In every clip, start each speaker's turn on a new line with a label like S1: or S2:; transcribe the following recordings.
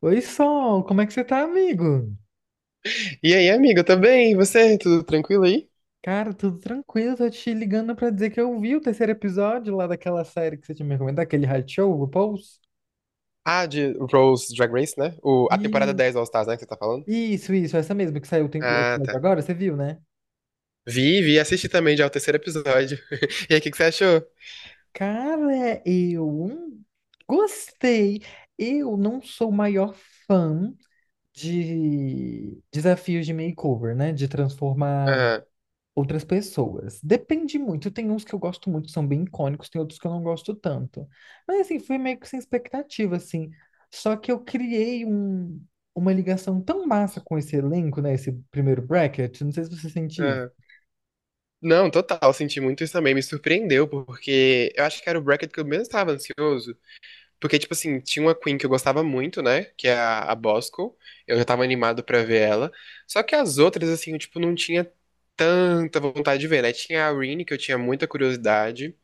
S1: Oi, Sol, como é que você tá, amigo?
S2: E aí, amiga, também? E você? Tudo tranquilo aí?
S1: Cara, tudo tranquilo, tô te ligando pra dizer que eu vi o terceiro episódio lá daquela série que você tinha me recomendado, aquele reality show, RuPaul's.
S2: Ah, de RuPaul's Drag Race, né? A temporada
S1: E
S2: 10 All Stars, né, que você tá falando?
S1: isso, essa mesma que saiu o
S2: Ah,
S1: episódio
S2: tá.
S1: agora, você viu, né?
S2: Vi, assisti também já o terceiro episódio. E aí, o que que você achou?
S1: Cara, eu gostei. Eu não sou o maior fã de desafios de makeover, né? De transformar
S2: Aham,
S1: outras pessoas. Depende muito. Tem uns que eu gosto muito, que são bem icônicos, tem outros que eu não gosto tanto. Mas assim, fui meio que sem expectativa, assim. Só que uma ligação tão massa com esse elenco, né? Esse primeiro bracket. Não sei se você sente isso.
S2: aham. Não, total, senti muito isso também. Me surpreendeu, porque eu acho que era o bracket que eu menos estava ansioso. Porque, tipo assim, tinha uma Queen que eu gostava muito, né? Que é a Bosco. Eu já tava animado pra ver ela. Só que as outras, assim, eu, tipo, não tinha tanta vontade de ver, né? Tinha a Rini, que eu tinha muita curiosidade.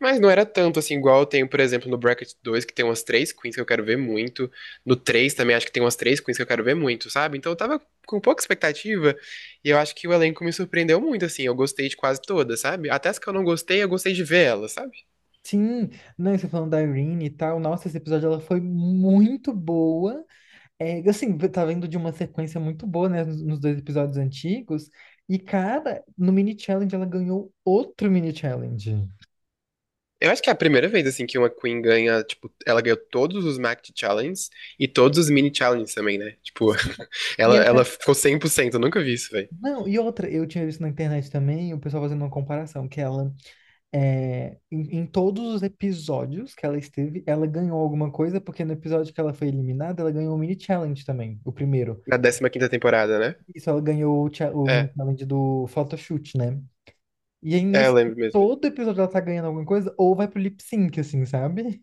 S2: Mas não era tanto assim, igual eu tenho, por exemplo, no Bracket 2 que tem umas três queens que eu quero ver muito. No 3 também acho que tem umas três queens que eu quero ver muito, sabe? Então eu tava com pouca expectativa e eu acho que o elenco me surpreendeu muito, assim. Eu gostei de quase todas, sabe? Até as que eu não gostei, eu gostei de ver elas, sabe?
S1: Sim, não, você falando da Irene e tal. Nossa, esse episódio ela foi muito boa. É, assim, tá vendo de uma sequência muito boa, né? Nos dois episódios antigos. E, cara, no mini challenge ela ganhou outro mini challenge.
S2: Eu acho que é a primeira vez, assim, que uma queen ganha, tipo, ela ganhou todos os Mact Challenges e todos os Mini Challenges também, né? Tipo,
S1: Sim. E
S2: ela
S1: até,
S2: ficou 100%, eu nunca vi isso, velho.
S1: não, e outra, eu tinha visto na internet também o pessoal fazendo uma comparação, que ela, é, em todos os episódios que ela esteve, ela ganhou alguma coisa, porque no episódio que ela foi eliminada, ela ganhou o mini challenge também, o primeiro.
S2: Na 15ª temporada, né?
S1: Isso, ela ganhou o o mini
S2: É,
S1: challenge do photoshoot, né? E aí,
S2: é, eu
S1: nesse
S2: lembro mesmo.
S1: todo episódio, ela tá ganhando alguma coisa, ou vai pro lip sync, assim, sabe?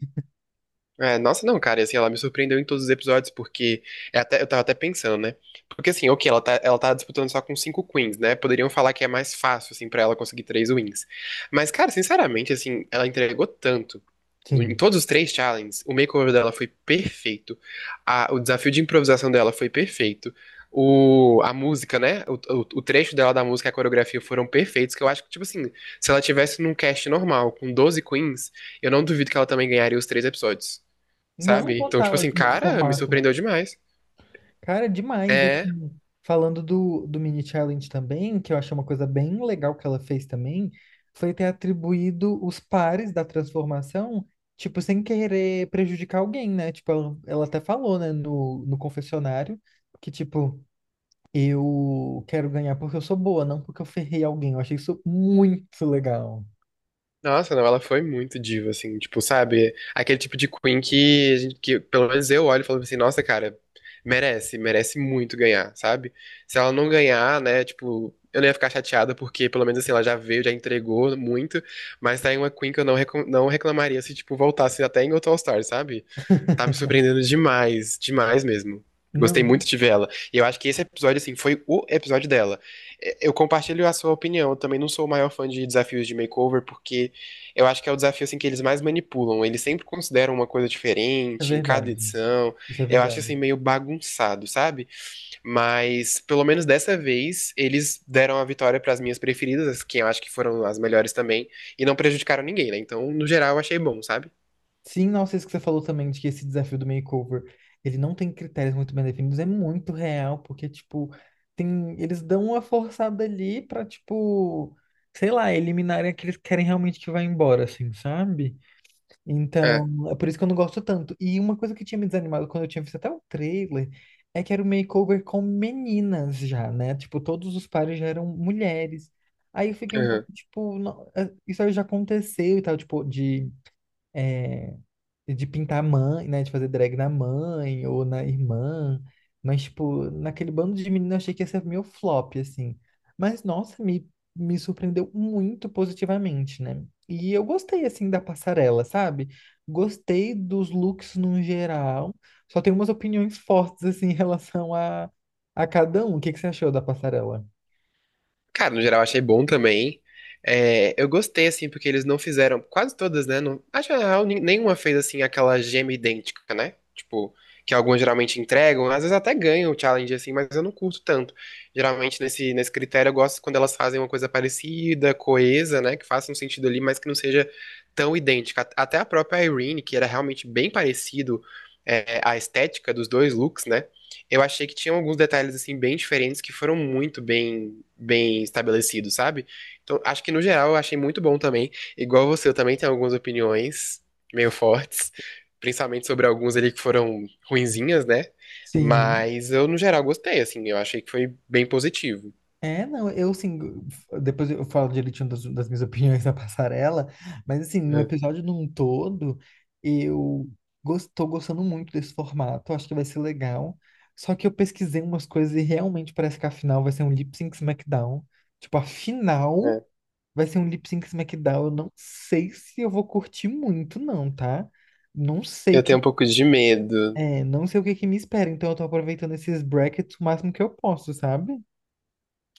S2: É, nossa, não, cara, e assim, ela me surpreendeu em todos os episódios, porque eu tava até pensando, né? Porque assim, ok, ela tá disputando só com 5 queens, né? Poderiam falar que é mais fácil, assim, pra ela conseguir três wins. Mas, cara, sinceramente, assim, ela entregou tanto. Em
S1: Sim.
S2: todos os três challenges, o makeover dela foi perfeito. O desafio de improvisação dela foi perfeito. A música, né? O trecho dela da música e a coreografia foram perfeitos, que eu acho que, tipo assim, se ela tivesse num cast normal, com 12 queens, eu não duvido que ela também ganharia os três episódios,
S1: Não
S2: sabe? Então, tipo
S1: total,
S2: assim,
S1: assim, nesse
S2: cara, me
S1: formato, né?
S2: surpreendeu demais.
S1: Cara, demais. E
S2: É.
S1: assim, falando do, do mini challenge também, que eu achei uma coisa bem legal que ela fez também, foi ter atribuído os pares da transformação, tipo, sem querer prejudicar alguém, né? Tipo, ela até falou, né, no, no confessionário, que tipo, eu quero ganhar porque eu sou boa, não porque eu ferrei alguém. Eu achei isso muito legal.
S2: Nossa, não, ela foi muito diva, assim, tipo, sabe? Aquele tipo de Queen que, que pelo menos eu olho e falo assim, nossa, cara, merece, merece muito ganhar, sabe? Se ela não ganhar, né, tipo, eu não ia ficar chateada porque, pelo menos assim, ela já veio, já entregou muito, mas tá em uma Queen que eu não, não reclamaria se, tipo, voltasse até em outro All-Star, sabe? Tá me surpreendendo demais, demais mesmo.
S1: Não,
S2: Gostei muito
S1: de-
S2: de ver ela. E eu acho que esse episódio, assim, foi o episódio dela. É, eu compartilho a sua opinião. Eu também não sou o maior fã de desafios de makeover, porque eu acho que é o desafio, assim, que eles mais manipulam. Eles sempre consideram uma coisa
S1: é
S2: diferente em cada
S1: verdade.
S2: edição.
S1: Isso é
S2: Eu acho, assim,
S1: verdade.
S2: meio bagunçado, sabe? Mas, pelo menos dessa vez, eles deram a vitória para as minhas preferidas, as que eu acho que foram as melhores também, e não prejudicaram ninguém, né? Então, no geral, eu achei bom, sabe?
S1: Sim, nossa, isso que você falou também, de que esse desafio do makeover, ele não tem critérios muito bem definidos, é muito real, porque, tipo, tem, eles dão uma forçada ali pra, tipo, sei lá, eliminarem aqueles que querem realmente que vá embora, assim, sabe? Então,
S2: É,
S1: é por isso que eu não gosto tanto. E uma coisa que tinha me desanimado quando eu tinha visto até o trailer, é que era o makeover com meninas já, né? Tipo, todos os pares já eram mulheres. Aí eu fiquei um pouco,
S2: aham.
S1: tipo, não, isso aí já aconteceu e tal, tipo, de... eh, de pintar a mãe, né? De fazer drag na mãe ou na irmã. Mas, tipo, naquele bando de menino eu achei que ia ser meu flop, assim. Mas, nossa, me surpreendeu muito positivamente, né? E eu gostei, assim, da passarela, sabe? Gostei dos looks no geral. Só tenho umas opiniões fortes, assim, em relação a cada um. O que que você achou da passarela?
S2: Cara, no geral achei bom também. É, eu gostei, assim, porque eles não fizeram. Quase todas, né? Não, acho que na real, nenhuma fez, assim, aquela gema idêntica, né? Tipo, que algumas geralmente entregam, às vezes até ganham o challenge, assim, mas eu não curto tanto. Geralmente, nesse critério, eu gosto quando elas fazem uma coisa parecida, coesa, né? Que faça um sentido ali, mas que não seja tão idêntica. Até a própria Irene, que era realmente bem parecido, é, a estética dos dois looks, né? Eu achei que tinha alguns detalhes assim bem diferentes que foram muito bem estabelecidos, sabe? Então, acho que no geral eu achei muito bom também. Igual você, eu também tenho algumas opiniões meio fortes, principalmente sobre alguns ali que foram ruinzinhas, né?
S1: Sim.
S2: Mas eu no geral gostei, assim, eu achei que foi bem positivo.
S1: É, não, eu assim, depois eu falo direitinho das, das minhas opiniões na passarela, mas assim, no
S2: Uhum.
S1: episódio num todo, eu tô gostando muito desse formato, acho que vai ser legal. Só que eu pesquisei umas coisas e realmente parece que a final vai ser um Lip Sync SmackDown. Tipo, a final
S2: É.
S1: vai ser um Lip Sync SmackDown. Eu não sei se eu vou curtir muito, não, tá? Não sei
S2: Eu tenho um
S1: que,
S2: pouco de medo.
S1: é, não sei o que que me espera, então eu tô aproveitando esses brackets o máximo que eu posso, sabe?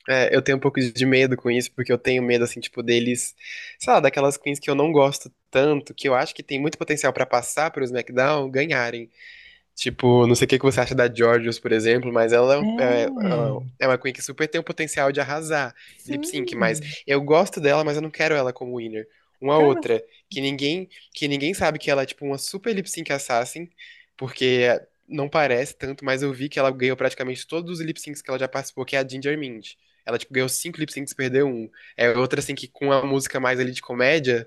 S2: É, eu tenho um pouco de medo com isso, porque eu tenho medo, assim, tipo, deles, sei lá, daquelas queens que eu não gosto tanto, que eu acho que tem muito potencial pra passar pros SmackDown, ganharem. Tipo, não sei o que que você acha da Georgios, por exemplo, mas ela
S1: É.
S2: é uma Queen que super tem o potencial de arrasar em lip sync, mas
S1: Sim,
S2: eu gosto dela, mas eu não quero ela como winner. Uma
S1: cara,
S2: outra, que ninguém, que ninguém sabe que ela é tipo uma super lip sync assassin, porque não parece tanto, mas eu vi que ela ganhou praticamente todos os lip syncs que ela já participou, que é a Ginger Mint. Ela, tipo, ganhou 5 lip syncs e perdeu um. É outra, assim, que com a música mais ali de comédia,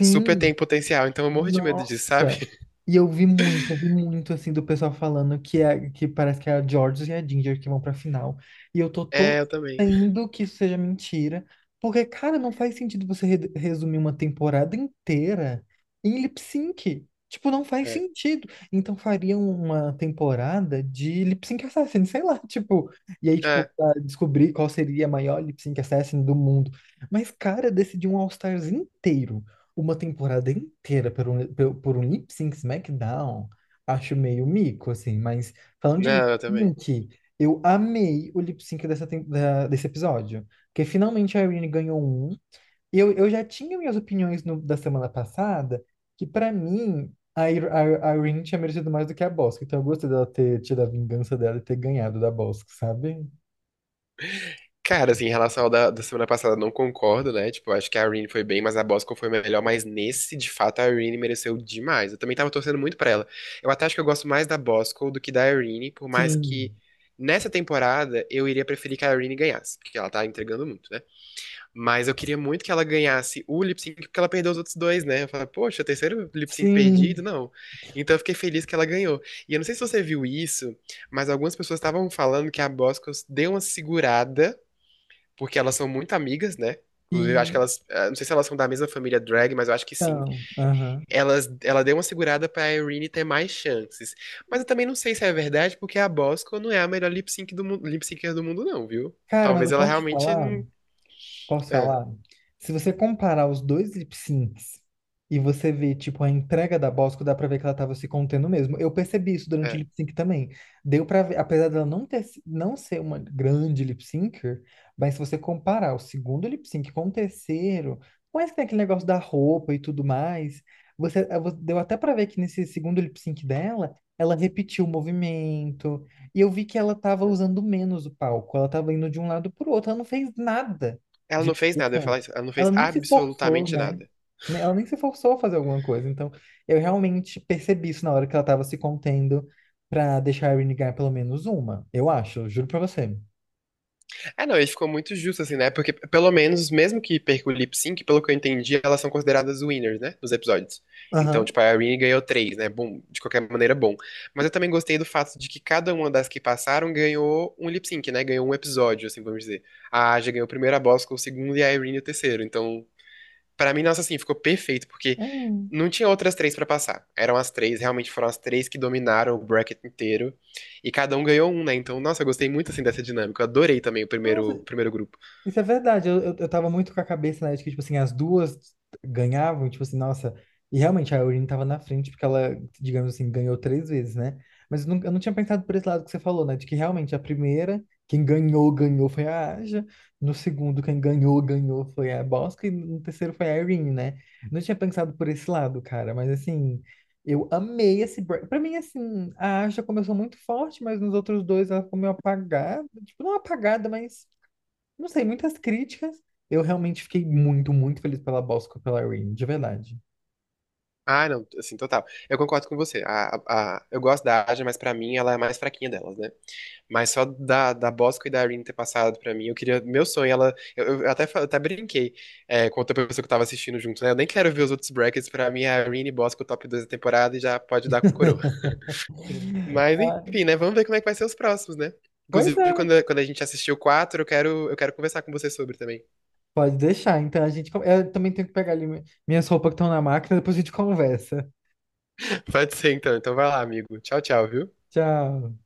S2: super tem potencial. Então eu morro de medo disso, sabe?
S1: Nossa! E eu vi muito assim do pessoal falando que é que parece que é a Georges e a Ginger que vão pra final. E eu tô
S2: É, eu também.
S1: torcendo que isso seja mentira, porque cara, não faz sentido você resumir uma temporada inteira em lip sync. Tipo, não faz
S2: É.
S1: sentido. Então fariam uma temporada de lip sync assassin, sei lá, tipo, e aí tipo
S2: É.
S1: pra descobrir qual seria a maior lip sync assassin do mundo. Mas cara, decidiu um All Stars inteiro uma temporada inteira por um lip sync SmackDown, acho meio mico, assim. Mas falando de lip
S2: Não, eu também.
S1: sync, eu amei o lip sync dessa, desse episódio. Porque finalmente a Irene ganhou um. E eu já tinha minhas opiniões da semana passada, que pra mim a Irene tinha merecido mais do que a Bosco. Então eu gostei dela ter tido a vingança dela e ter ganhado da Bosco, sabe?
S2: Cara, assim, em relação ao da semana passada, não concordo, né? Tipo, acho que a Irene foi bem, mas a Bosco foi melhor. Mas nesse, de fato, a Irene mereceu demais. Eu também tava torcendo muito pra ela. Eu até acho que eu gosto mais da Bosco do que da Irene, por mais
S1: Sim,
S2: que nessa temporada eu iria preferir que a Irene ganhasse, porque ela tá entregando muito, né? Mas eu queria muito que ela ganhasse o lip sync, porque ela perdeu os outros dois, né? Eu falei, poxa, terceiro lip sync perdido,
S1: sim.
S2: não. Então eu fiquei feliz que ela ganhou. E eu não sei se você viu isso, mas algumas pessoas estavam falando que a Boscos deu uma segurada, porque elas são muito amigas, né? Inclusive, eu
S1: E
S2: acho que elas. Não sei se elas são da mesma família drag, mas eu acho que sim.
S1: então, aham.
S2: Ela deu uma segurada pra Irene ter mais chances. Mas eu também não sei se é verdade, porque a Bosco não é a melhor lip sync do mundo, lip syncer do mundo, não, viu?
S1: Cara, mas
S2: Talvez
S1: eu
S2: ela
S1: posso te
S2: realmente.
S1: falar? Posso
S2: É,
S1: falar? Se você comparar os dois lip syncs e você ver, tipo, a entrega da Bosco, dá pra ver que ela tava se contendo mesmo. Eu percebi isso durante o
S2: é.
S1: lip sync também. Deu pra ver, apesar dela não ter, não ser uma grande lip syncer, mas se você comparar o segundo lip sync com o terceiro, mas que tem aquele negócio da roupa e tudo mais, você deu até pra ver que nesse segundo lip sync dela, ela repetiu o movimento, e eu vi que ela tava usando menos o palco, ela tava indo de um lado pro outro, ela não fez nada
S2: Ela
S1: de
S2: não fez nada, eu ia falar
S1: interessante.
S2: isso. Ela não fez
S1: Ela nem se forçou,
S2: absolutamente
S1: né?
S2: nada.
S1: Ela nem se forçou a fazer alguma coisa. Então, eu realmente percebi isso na hora que ela tava se contendo pra deixar a Irene ganhar pelo menos uma. Eu acho, eu juro pra você.
S2: Ah, não, ele ficou muito justo, assim, né? Porque, pelo menos, mesmo que perca o lip sync, pelo que eu entendi, elas são consideradas winners, né? Dos episódios. Então,
S1: Aham.
S2: tipo, a Irene ganhou três, né? Bom, de qualquer maneira, bom. Mas eu também gostei do fato de que cada uma das que passaram ganhou um lip sync, né? Ganhou um episódio, assim, vamos dizer. A Aja ganhou o primeiro, a Bosco o segundo e a Irene o terceiro. Então, pra mim, nossa, assim, ficou perfeito, porque
S1: Ah,
S2: não tinha outras três pra passar. Eram as três, realmente foram as três que dominaram o bracket inteiro. E cada um ganhou um, né? Então, nossa, eu gostei muito, assim, dessa dinâmica. Eu adorei também
S1: nossa,
S2: o primeiro grupo.
S1: isso é verdade. Eu tava muito com a cabeça, né, de que, tipo assim, as duas ganhavam, tipo assim, nossa. E realmente a Eurine tava na frente, porque ela, digamos assim, ganhou três vezes, né? Mas eu não tinha pensado por esse lado que você falou, né? De que realmente a primeira, quem ganhou, ganhou foi a Aja. No segundo, quem ganhou foi a Bosca. E no terceiro foi a Eurine, né? Não tinha pensado por esse lado, cara. Mas assim, eu amei esse break. Pra mim, assim, a Aja começou muito forte, mas nos outros dois ela ficou meio apagada. Tipo, não apagada, mas não sei, muitas críticas. Eu realmente fiquei muito, muito feliz pela Bosco e pela Rain, de verdade.
S2: Ah, não, assim, total. Eu concordo com você. Eu gosto da Aja, mas pra mim ela é a mais fraquinha delas, né? Mas só da, da Bosco e da Irene ter passado pra mim, eu queria. Meu sonho, ela. Eu até, até brinquei é, com outra pessoa que eu tava assistindo junto, né? Eu nem quero ver os outros brackets. Pra mim, é a Irene e Bosco, top 2 da temporada, e já pode dar coroa. Mas
S1: Ah,
S2: enfim, né? Vamos ver como é que vai ser os próximos, né?
S1: pois
S2: Inclusive,
S1: é,
S2: quando a gente assistir o 4 eu quero conversar com você sobre também.
S1: pode deixar. Então a gente. Eu também tenho que pegar ali minhas roupas que estão na máquina, depois a gente conversa.
S2: Pode ser, então. Então vai lá, amigo. Tchau, tchau, viu?
S1: Tchau.